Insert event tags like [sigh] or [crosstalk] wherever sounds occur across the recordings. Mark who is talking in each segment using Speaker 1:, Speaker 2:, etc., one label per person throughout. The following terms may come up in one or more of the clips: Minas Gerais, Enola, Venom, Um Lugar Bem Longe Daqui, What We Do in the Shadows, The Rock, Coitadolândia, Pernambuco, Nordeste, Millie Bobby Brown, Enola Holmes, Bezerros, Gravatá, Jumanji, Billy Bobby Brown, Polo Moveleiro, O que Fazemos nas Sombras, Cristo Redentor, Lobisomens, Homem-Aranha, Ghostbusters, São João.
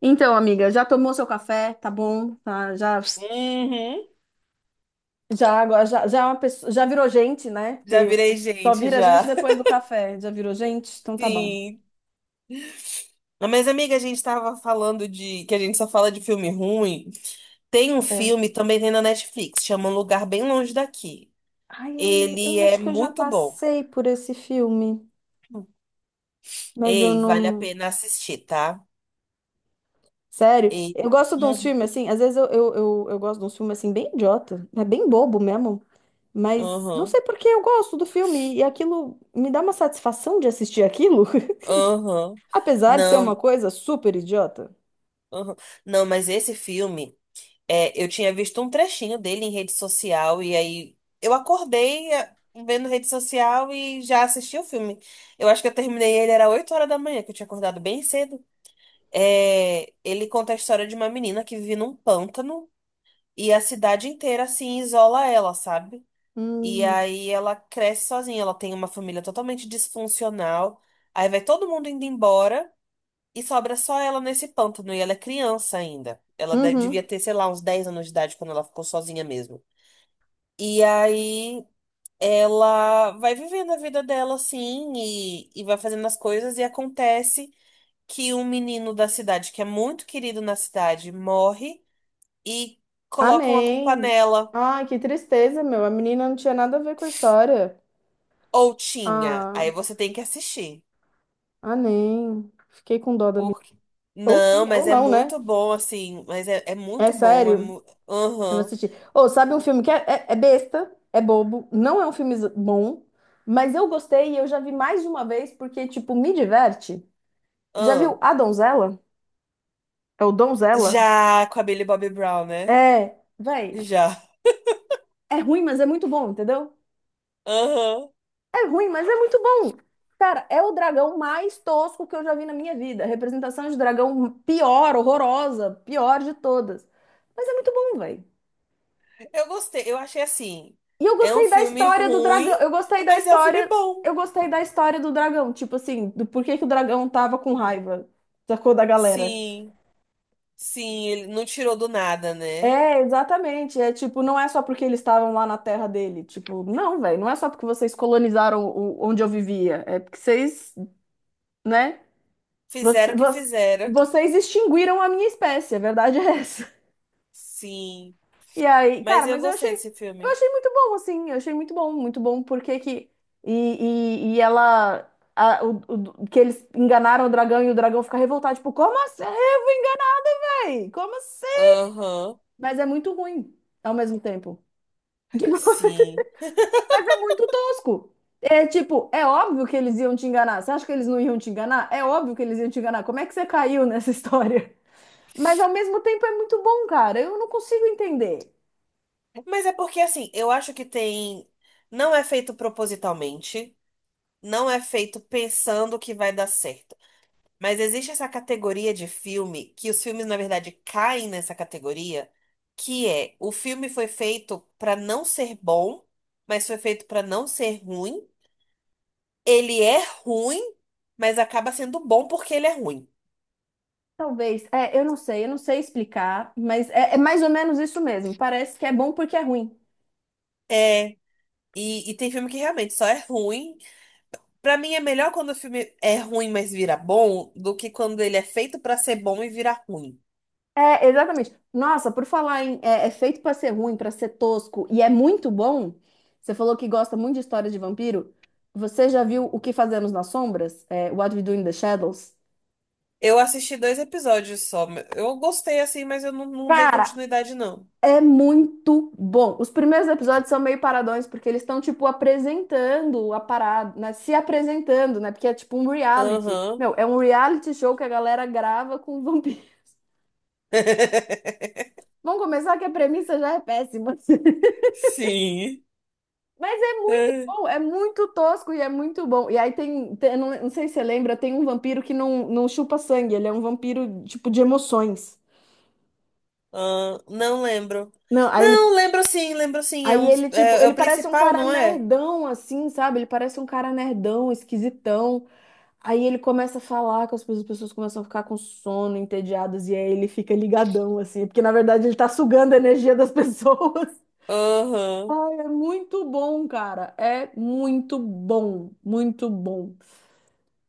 Speaker 1: Então, amiga, já tomou seu café? Tá bom? Tá, já,
Speaker 2: Uhum.
Speaker 1: já, é uma pessoa- já virou gente, né?
Speaker 2: Já
Speaker 1: Que
Speaker 2: virei
Speaker 1: só
Speaker 2: gente,
Speaker 1: vira gente
Speaker 2: já. [laughs]
Speaker 1: depois do café. Já virou gente? Então tá bom.
Speaker 2: Sim. Mas, amiga, a gente tava falando de... Que a gente só fala de filme ruim. Tem um
Speaker 1: É.
Speaker 2: filme, também tem na Netflix, chama Um Lugar Bem Longe Daqui.
Speaker 1: Ai, eu,
Speaker 2: Ele
Speaker 1: eu
Speaker 2: é
Speaker 1: acho que eu já
Speaker 2: muito bom.
Speaker 1: passei por esse filme, mas eu
Speaker 2: Ei, vale a
Speaker 1: não.
Speaker 2: pena assistir, tá?
Speaker 1: Sério,
Speaker 2: Ei.
Speaker 1: eu gosto de uns
Speaker 2: Uhum.
Speaker 1: filmes assim, às vezes eu gosto de uns filmes assim, bem idiota, é bem bobo mesmo, mas não
Speaker 2: Uhum.
Speaker 1: sei por que eu gosto do filme e aquilo me dá uma satisfação de assistir aquilo,
Speaker 2: Uhum.
Speaker 1: [laughs] apesar de ser uma
Speaker 2: Não.
Speaker 1: coisa super idiota.
Speaker 2: Uhum. Não, mas esse filme... É, eu tinha visto um trechinho dele em rede social e aí eu acordei vendo rede social e já assisti o filme. Eu acho que eu terminei ele era 8 horas da manhã, que eu tinha acordado bem cedo. É, ele conta a história de uma menina que vive num pântano e a cidade inteira assim isola ela, sabe? E
Speaker 1: Hum.
Speaker 2: aí ela cresce sozinha, ela tem uma família totalmente disfuncional. Aí vai todo mundo indo embora. E sobra só ela nesse pântano, e ela é criança ainda. Ela devia
Speaker 1: Uhum.
Speaker 2: ter, sei lá, uns 10 anos de idade quando ela ficou sozinha mesmo. E aí ela vai vivendo a vida dela assim, e vai fazendo as coisas, e acontece que um menino da cidade, que é muito querido na cidade, morre e
Speaker 1: Ah,
Speaker 2: colocam a culpa
Speaker 1: nem.
Speaker 2: nela.
Speaker 1: Ai, que tristeza, meu. A menina não tinha nada a ver com a história.
Speaker 2: Ou tinha. Aí
Speaker 1: Ah,
Speaker 2: você tem que assistir.
Speaker 1: ah, nem. Fiquei com dó da menina.
Speaker 2: Porque.
Speaker 1: Ou
Speaker 2: Não,
Speaker 1: tinha,
Speaker 2: mas
Speaker 1: ou
Speaker 2: é
Speaker 1: não, né?
Speaker 2: muito bom, assim. Mas é
Speaker 1: É
Speaker 2: muito bom.
Speaker 1: sério. Eu vou
Speaker 2: Aham.
Speaker 1: assistir. Ô, sabe um filme que é besta, é bobo, não é um filme z- bom, mas eu gostei e eu já vi mais de uma vez porque, tipo, me diverte. Já viu
Speaker 2: Ahn.
Speaker 1: A Donzela? É o Donzela?
Speaker 2: Já, com a Billy Bobby Brown, né?
Speaker 1: É, véi.
Speaker 2: Já.
Speaker 1: É ruim, mas é muito bom, entendeu?
Speaker 2: Aham.
Speaker 1: É ruim, mas é muito bom. Cara, é o dragão mais tosco que eu já vi na minha vida. Representação de dragão pior, horrorosa, pior de todas. Mas é muito bom, velho.
Speaker 2: Eu gostei. Eu achei assim.
Speaker 1: E eu
Speaker 2: É um
Speaker 1: gostei da
Speaker 2: filme
Speaker 1: história do
Speaker 2: ruim,
Speaker 1: dragão. Eu gostei da
Speaker 2: mas é um filme
Speaker 1: história.
Speaker 2: bom.
Speaker 1: Eu gostei da história do dragão. Tipo assim, do porquê que o dragão tava com raiva. Sacou da galera.
Speaker 2: Sim. Sim, ele não tirou do nada, né?
Speaker 1: É, exatamente. É tipo, não é só porque eles estavam lá na terra dele. Tipo, não, velho. Não é só porque vocês colonizaram o, onde eu vivia. É porque vocês, né? Você-
Speaker 2: Fizeram o que
Speaker 1: você-
Speaker 2: fizeram.
Speaker 1: vocês extinguiram a minha espécie, a verdade é essa.
Speaker 2: Sim.
Speaker 1: E aí,
Speaker 2: Mas
Speaker 1: cara,
Speaker 2: eu
Speaker 1: mas
Speaker 2: gostei desse
Speaker 1: eu
Speaker 2: filme.
Speaker 1: achei muito bom, assim, eu achei muito bom, porque que. E ela. a- o, que eles enganaram o dragão e o dragão fica revoltado, tipo, como assim? Como assim?
Speaker 2: Aham.
Speaker 1: Mas é muito ruim ao mesmo tempo. [laughs] Tipo,
Speaker 2: Sim.
Speaker 1: mas é muito tosco. É tipo, é óbvio que eles iam te enganar. Você acha que eles não iam te enganar? É óbvio que eles iam te enganar. Como é que você caiu nessa história? Mas ao mesmo tempo é muito bom, cara. Eu não consigo entender.
Speaker 2: Mas é porque, assim, eu acho que tem. Não é feito propositalmente. Não é feito pensando que vai dar certo. Mas existe essa categoria de filme, que os filmes, na verdade, caem nessa categoria, que é o filme foi feito pra não ser bom, mas foi feito pra não ser ruim. Ele é ruim, mas acaba sendo bom porque ele é ruim.
Speaker 1: Talvez, é, eu não sei explicar, mas é mais ou menos isso mesmo. Parece que é bom porque é ruim.
Speaker 2: É, e tem filme que realmente só é ruim. Pra mim é melhor quando o filme é ruim, mas vira bom, do que quando ele é feito pra ser bom e vira ruim.
Speaker 1: É, exatamente. Nossa, por falar em é, é feito pra ser ruim, pra ser tosco e é muito bom. Você falou que gosta muito de história de vampiro. Você já viu O que Fazemos nas Sombras? É, What We Do in the Shadows?
Speaker 2: Eu assisti dois episódios só. Eu gostei assim, mas eu não dei
Speaker 1: Cara,
Speaker 2: continuidade, não.
Speaker 1: é muito bom. Os primeiros episódios são meio paradões, porque eles estão, tipo, apresentando a parada, né? Se apresentando, né? Porque é tipo um reality.
Speaker 2: Aham.
Speaker 1: Meu, é um reality show que a galera grava com vampiros. [laughs]
Speaker 2: [laughs]
Speaker 1: Vamos começar que a premissa já é péssima. [laughs]
Speaker 2: Sim.
Speaker 1: Mas é muito
Speaker 2: É.
Speaker 1: bom, é muito tosco e é muito bom. E aí não, não sei se você lembra, tem um vampiro que não, não chupa sangue, ele é um vampiro, tipo, de emoções.
Speaker 2: Ah, não lembro.
Speaker 1: Não.
Speaker 2: Não, lembro sim, lembro sim. É
Speaker 1: Aí
Speaker 2: um dos,
Speaker 1: ele, tipo,
Speaker 2: é, é
Speaker 1: ele
Speaker 2: o
Speaker 1: parece um
Speaker 2: principal,
Speaker 1: cara
Speaker 2: não é?
Speaker 1: nerdão, assim, sabe? Ele parece um cara nerdão, esquisitão. Aí ele começa a falar que as as pessoas começam a ficar com sono, entediadas, e aí ele fica ligadão, assim, porque na verdade ele tá sugando a energia das pessoas. [laughs]
Speaker 2: Aham.
Speaker 1: É muito bom, cara. É muito bom, muito bom.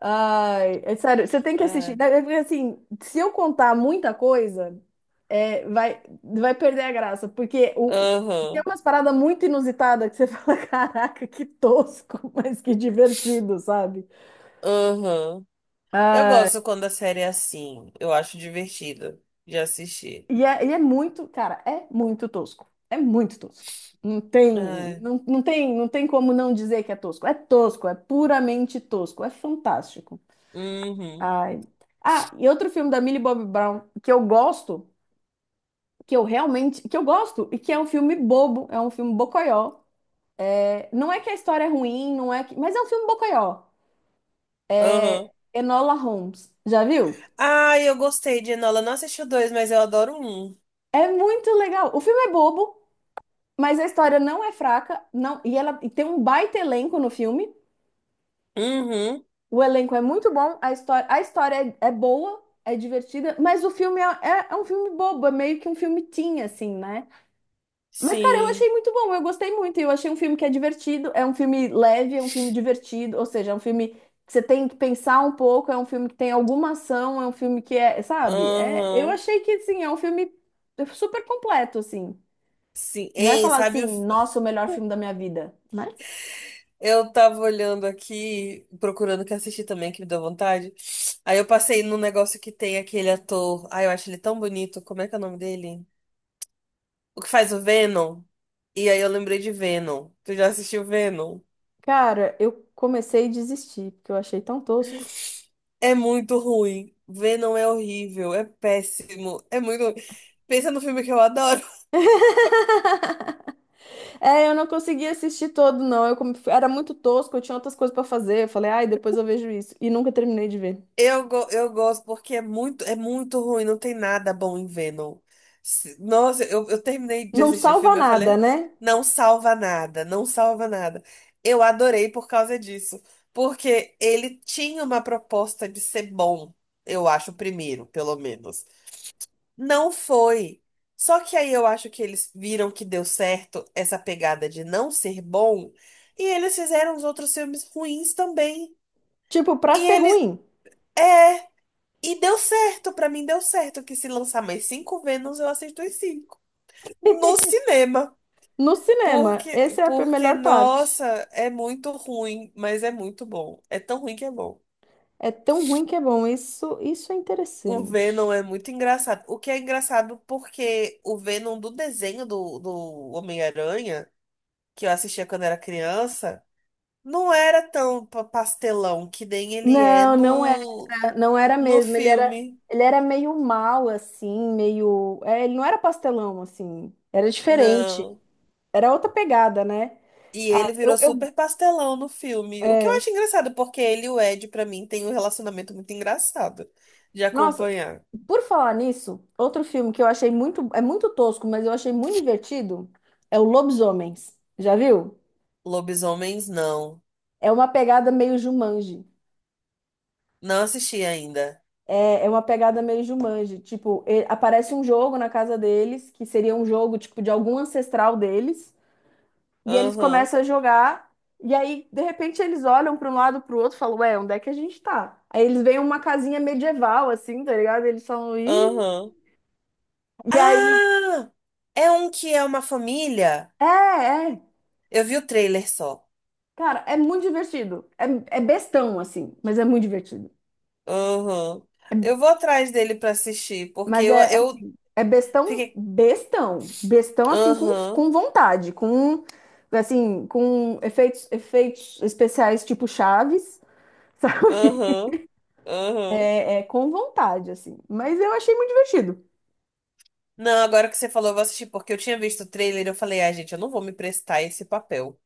Speaker 1: Ai, é sério, você tem que assistir.
Speaker 2: É.
Speaker 1: Daí, porque assim, se eu contar muita coisa, é, vai perder a graça, porque tem
Speaker 2: Aham.
Speaker 1: umas paradas muito inusitadas que você [laughs] fala, caraca, que tosco, mas que divertido, sabe?
Speaker 2: Aham. Eu
Speaker 1: Ah,
Speaker 2: gosto quando a série é assim. Eu acho divertido de assistir.
Speaker 1: e é muito, cara, é muito tosco. É muito tosco. Não tem,
Speaker 2: É.
Speaker 1: não tem, não tem como não dizer que é tosco. É tosco, é puramente tosco, é fantástico.
Speaker 2: Uhum.
Speaker 1: Ai. Ah, e outro filme da Millie Bobby Brown que eu gosto. Que eu realmente, que eu gosto e que é um filme bobo, é um filme bocoió. É, não é que a história é ruim, não é que, mas é um filme bocoió.
Speaker 2: Aham.
Speaker 1: Enola Holmes, já viu?
Speaker 2: Ah, eu gostei de Enola. Não assisti o dois, mas eu adoro um.
Speaker 1: É muito legal. O filme é bobo, mas a história não é fraca, não, e ela e tem um baita elenco no filme.
Speaker 2: Uhum.
Speaker 1: O elenco é muito bom, a história é, é boa, é divertida, mas o filme é um filme bobo, é meio que um filme teen, assim, né? Mas, cara, eu achei
Speaker 2: Sim.
Speaker 1: muito bom, eu gostei muito. Eu achei um filme que é divertido, é um filme leve, é um filme divertido, ou seja, é um filme que você tem que pensar um pouco, é um filme que tem alguma ação, é um filme que é, sabe? É, eu
Speaker 2: Aham.
Speaker 1: achei que, assim, é um filme super completo, assim.
Speaker 2: Sim.
Speaker 1: Não é
Speaker 2: Hein,
Speaker 1: falar
Speaker 2: sabe
Speaker 1: assim,
Speaker 2: o.
Speaker 1: nossa, o melhor filme da minha vida. Mas,
Speaker 2: Eu tava olhando aqui, procurando o que assistir também, que me deu vontade. Aí eu passei num negócio que tem aquele ator. Ai, eu acho ele tão bonito. Como é que é o nome dele? O que faz o Venom. E aí eu lembrei de Venom. Tu já assistiu Venom?
Speaker 1: cara, eu comecei a desistir, porque eu achei tão tosco.
Speaker 2: É muito ruim. Venom é horrível, é péssimo, é muito ruim. Pensa no filme que eu adoro.
Speaker 1: [laughs] É, eu não consegui assistir todo, não. Eu era muito tosco, eu tinha outras coisas pra fazer. Eu falei, ai, depois eu vejo isso. E nunca terminei de ver.
Speaker 2: Eu gosto porque é muito ruim, não tem nada bom em Venom. Se- Nossa, eu terminei de
Speaker 1: Não
Speaker 2: assistir o
Speaker 1: salva
Speaker 2: filme, eu
Speaker 1: nada,
Speaker 2: falei,
Speaker 1: né?
Speaker 2: não salva nada, não salva nada. Eu adorei por causa disso, porque ele tinha uma proposta de ser bom, eu acho, o primeiro, pelo menos. Não foi. Só que aí eu acho que eles viram que deu certo essa pegada de não ser bom, e eles fizeram os outros filmes ruins também.
Speaker 1: Tipo, pra
Speaker 2: E
Speaker 1: ser
Speaker 2: ele
Speaker 1: ruim,
Speaker 2: é. E deu certo, pra mim deu certo que se lançar mais 5 Vênus, eu assisto os 5. No cinema.
Speaker 1: no cinema, essa é a melhor parte.
Speaker 2: Nossa, é muito ruim, mas é muito bom. É tão ruim que é bom.
Speaker 1: É tão ruim que é bom. Isso é
Speaker 2: O Venom
Speaker 1: interessante.
Speaker 2: é muito engraçado. O que é engraçado porque o Venom do desenho do Homem-Aranha, que eu assistia quando era criança, não era tão pastelão que nem ele é
Speaker 1: Não, não era, não era
Speaker 2: no
Speaker 1: mesmo.
Speaker 2: filme.
Speaker 1: Ele era meio mal assim, meio, é, ele não era pastelão assim. Era diferente.
Speaker 2: Não.
Speaker 1: Era outra pegada, né?
Speaker 2: E ele
Speaker 1: Eu,
Speaker 2: virou
Speaker 1: eu,
Speaker 2: super pastelão no filme. O que eu
Speaker 1: é,
Speaker 2: acho engraçado, porque ele e o Ed, pra mim, tem um relacionamento muito engraçado de
Speaker 1: nossa,
Speaker 2: acompanhar.
Speaker 1: por falar nisso, outro filme que eu achei muito, é muito tosco, mas eu achei muito divertido, é o Lobisomens. Já viu?
Speaker 2: Lobisomens, não.
Speaker 1: É uma pegada meio Jumanji.
Speaker 2: Não assisti ainda.
Speaker 1: É uma pegada meio Jumanji. Tipo, e- aparece um jogo na casa deles, que seria um jogo, tipo, de algum ancestral deles. E eles
Speaker 2: Aham,
Speaker 1: começam a jogar. E aí, de repente, eles olham para um lado para o outro e falam, ué, onde é que a gente tá? Aí eles veem uma casinha medieval, assim, tá ligado? Eles falam, ih...
Speaker 2: aham.
Speaker 1: E aí...
Speaker 2: Ah! É um que é uma família?
Speaker 1: É, é.
Speaker 2: Eu vi o trailer só.
Speaker 1: Cara, é muito divertido. É, é bestão, assim, mas é muito divertido. É
Speaker 2: Aham. Eu vou atrás dele pra assistir, porque
Speaker 1: mas
Speaker 2: eu,
Speaker 1: é, é
Speaker 2: eu
Speaker 1: assim, é bestão,
Speaker 2: fiquei.
Speaker 1: bestão, bestão assim
Speaker 2: Aham,
Speaker 1: com vontade, com assim, com efeitos, efeitos especiais tipo Chaves, sabe? [laughs]
Speaker 2: aham, aham.
Speaker 1: É, é com vontade assim. Mas eu achei muito divertido.
Speaker 2: Não, agora que você falou, eu vou assistir, porque eu tinha visto o trailer e eu falei, ah, gente, eu não vou me prestar esse papel.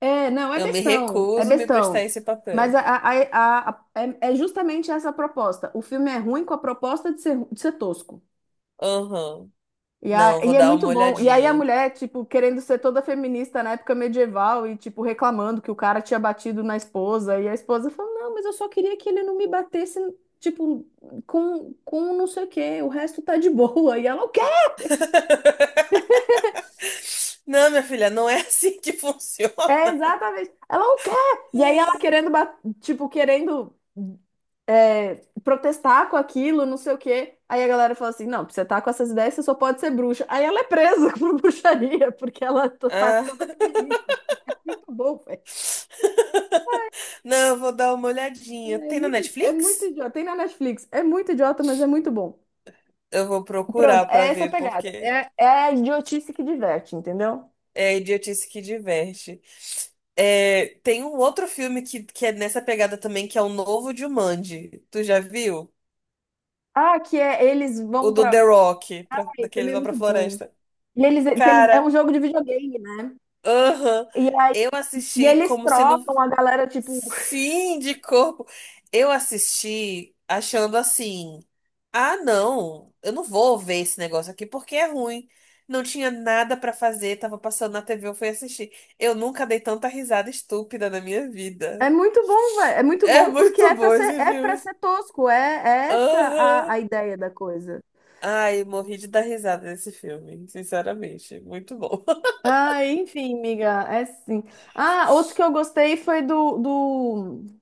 Speaker 1: É, não,
Speaker 2: Eu me
Speaker 1: é
Speaker 2: recuso a me prestar
Speaker 1: bestão.
Speaker 2: esse
Speaker 1: Mas
Speaker 2: papel.
Speaker 1: é, é justamente essa a proposta. O filme é ruim com a proposta de ser tosco.
Speaker 2: Aham.
Speaker 1: E, a,
Speaker 2: Não, vou
Speaker 1: e é
Speaker 2: dar
Speaker 1: muito
Speaker 2: uma
Speaker 1: bom. E aí a
Speaker 2: olhadinha.
Speaker 1: mulher, tipo, querendo ser toda feminista na época medieval e, tipo, reclamando que o cara tinha batido na esposa. E a esposa falou, não, mas eu só queria que ele não me batesse, tipo, com não sei o quê. O resto tá de boa. E ela não quer.
Speaker 2: [laughs] Não, minha filha, não é [laughs] assim que funciona.
Speaker 1: É, exatamente. Ela não quer. E aí ela querendo, tipo, querendo protestar com aquilo, não sei o quê. Aí a galera fala assim, não, pra você tá com essas ideias, você só pode ser bruxa. Aí ela é presa [laughs] por bruxaria, porque ela tá
Speaker 2: Ah.
Speaker 1: toda feminista. É muito bom, velho.
Speaker 2: [laughs] Não, eu vou dar uma olhadinha. Tem na
Speaker 1: É muito
Speaker 2: Netflix?
Speaker 1: idiota. Tem na Netflix. É muito idiota, mas é muito bom.
Speaker 2: Eu vou
Speaker 1: Pronto,
Speaker 2: procurar pra
Speaker 1: é essa a
Speaker 2: ver,
Speaker 1: pegada.
Speaker 2: porque
Speaker 1: É, é a idiotice que diverte, entendeu?
Speaker 2: é idiotice que diverte. É, tem um outro filme que é nessa pegada também, que é o novo Jumanji. Tu já viu?
Speaker 1: Ah, que é eles
Speaker 2: O
Speaker 1: vão
Speaker 2: do
Speaker 1: pra.
Speaker 2: The Rock, pra,
Speaker 1: Ai,
Speaker 2: daqueles
Speaker 1: também é
Speaker 2: vão pra
Speaker 1: muito bom.
Speaker 2: floresta.
Speaker 1: E é
Speaker 2: Cara,
Speaker 1: um jogo de videogame, né?
Speaker 2: aham.
Speaker 1: E, a-
Speaker 2: Eu
Speaker 1: e
Speaker 2: assisti
Speaker 1: eles
Speaker 2: como se não.
Speaker 1: trocam a galera, tipo.
Speaker 2: Sim, de corpo. Eu assisti achando assim. Ah, não, eu não vou ver esse negócio aqui porque é ruim. Não tinha nada pra fazer, tava passando na TV, eu fui assistir. Eu nunca dei tanta risada estúpida na minha
Speaker 1: É
Speaker 2: vida.
Speaker 1: muito bom, velho. É muito
Speaker 2: É
Speaker 1: bom porque
Speaker 2: muito bom esse
Speaker 1: é pra
Speaker 2: filme.
Speaker 1: ser tosco. É, é essa a,
Speaker 2: Aham.
Speaker 1: a ideia da coisa.
Speaker 2: Ai, morri de dar risada nesse filme, sinceramente. Muito bom.
Speaker 1: Ah, enfim, amiga, é sim. Ah, outro que
Speaker 2: [laughs]
Speaker 1: eu gostei foi do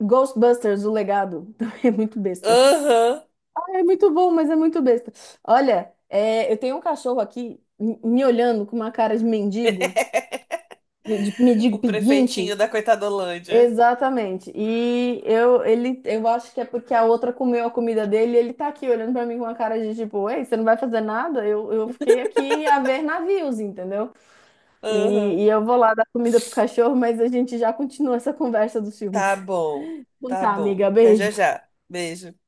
Speaker 1: Ghostbusters, o legado. [laughs] É muito besta.
Speaker 2: Aham.
Speaker 1: Ah, é muito bom, mas é muito besta. Olha, é, eu tenho um cachorro aqui me olhando com uma cara de mendigo
Speaker 2: O prefeitinho
Speaker 1: pedinte.
Speaker 2: da Coitadolândia.
Speaker 1: Exatamente. E eu, ele, eu acho que é porque a outra comeu a comida dele e ele tá aqui olhando pra mim com uma cara de tipo, ei, você não vai fazer nada? Eu fiquei aqui a ver navios, entendeu?
Speaker 2: Aham.
Speaker 1: E, e eu vou lá dar comida pro cachorro, mas a gente já continua essa conversa dos filmes.
Speaker 2: Tá bom.
Speaker 1: Então
Speaker 2: Tá
Speaker 1: tá,
Speaker 2: bom.
Speaker 1: amiga,
Speaker 2: Até já
Speaker 1: beijo.
Speaker 2: já. Beijo.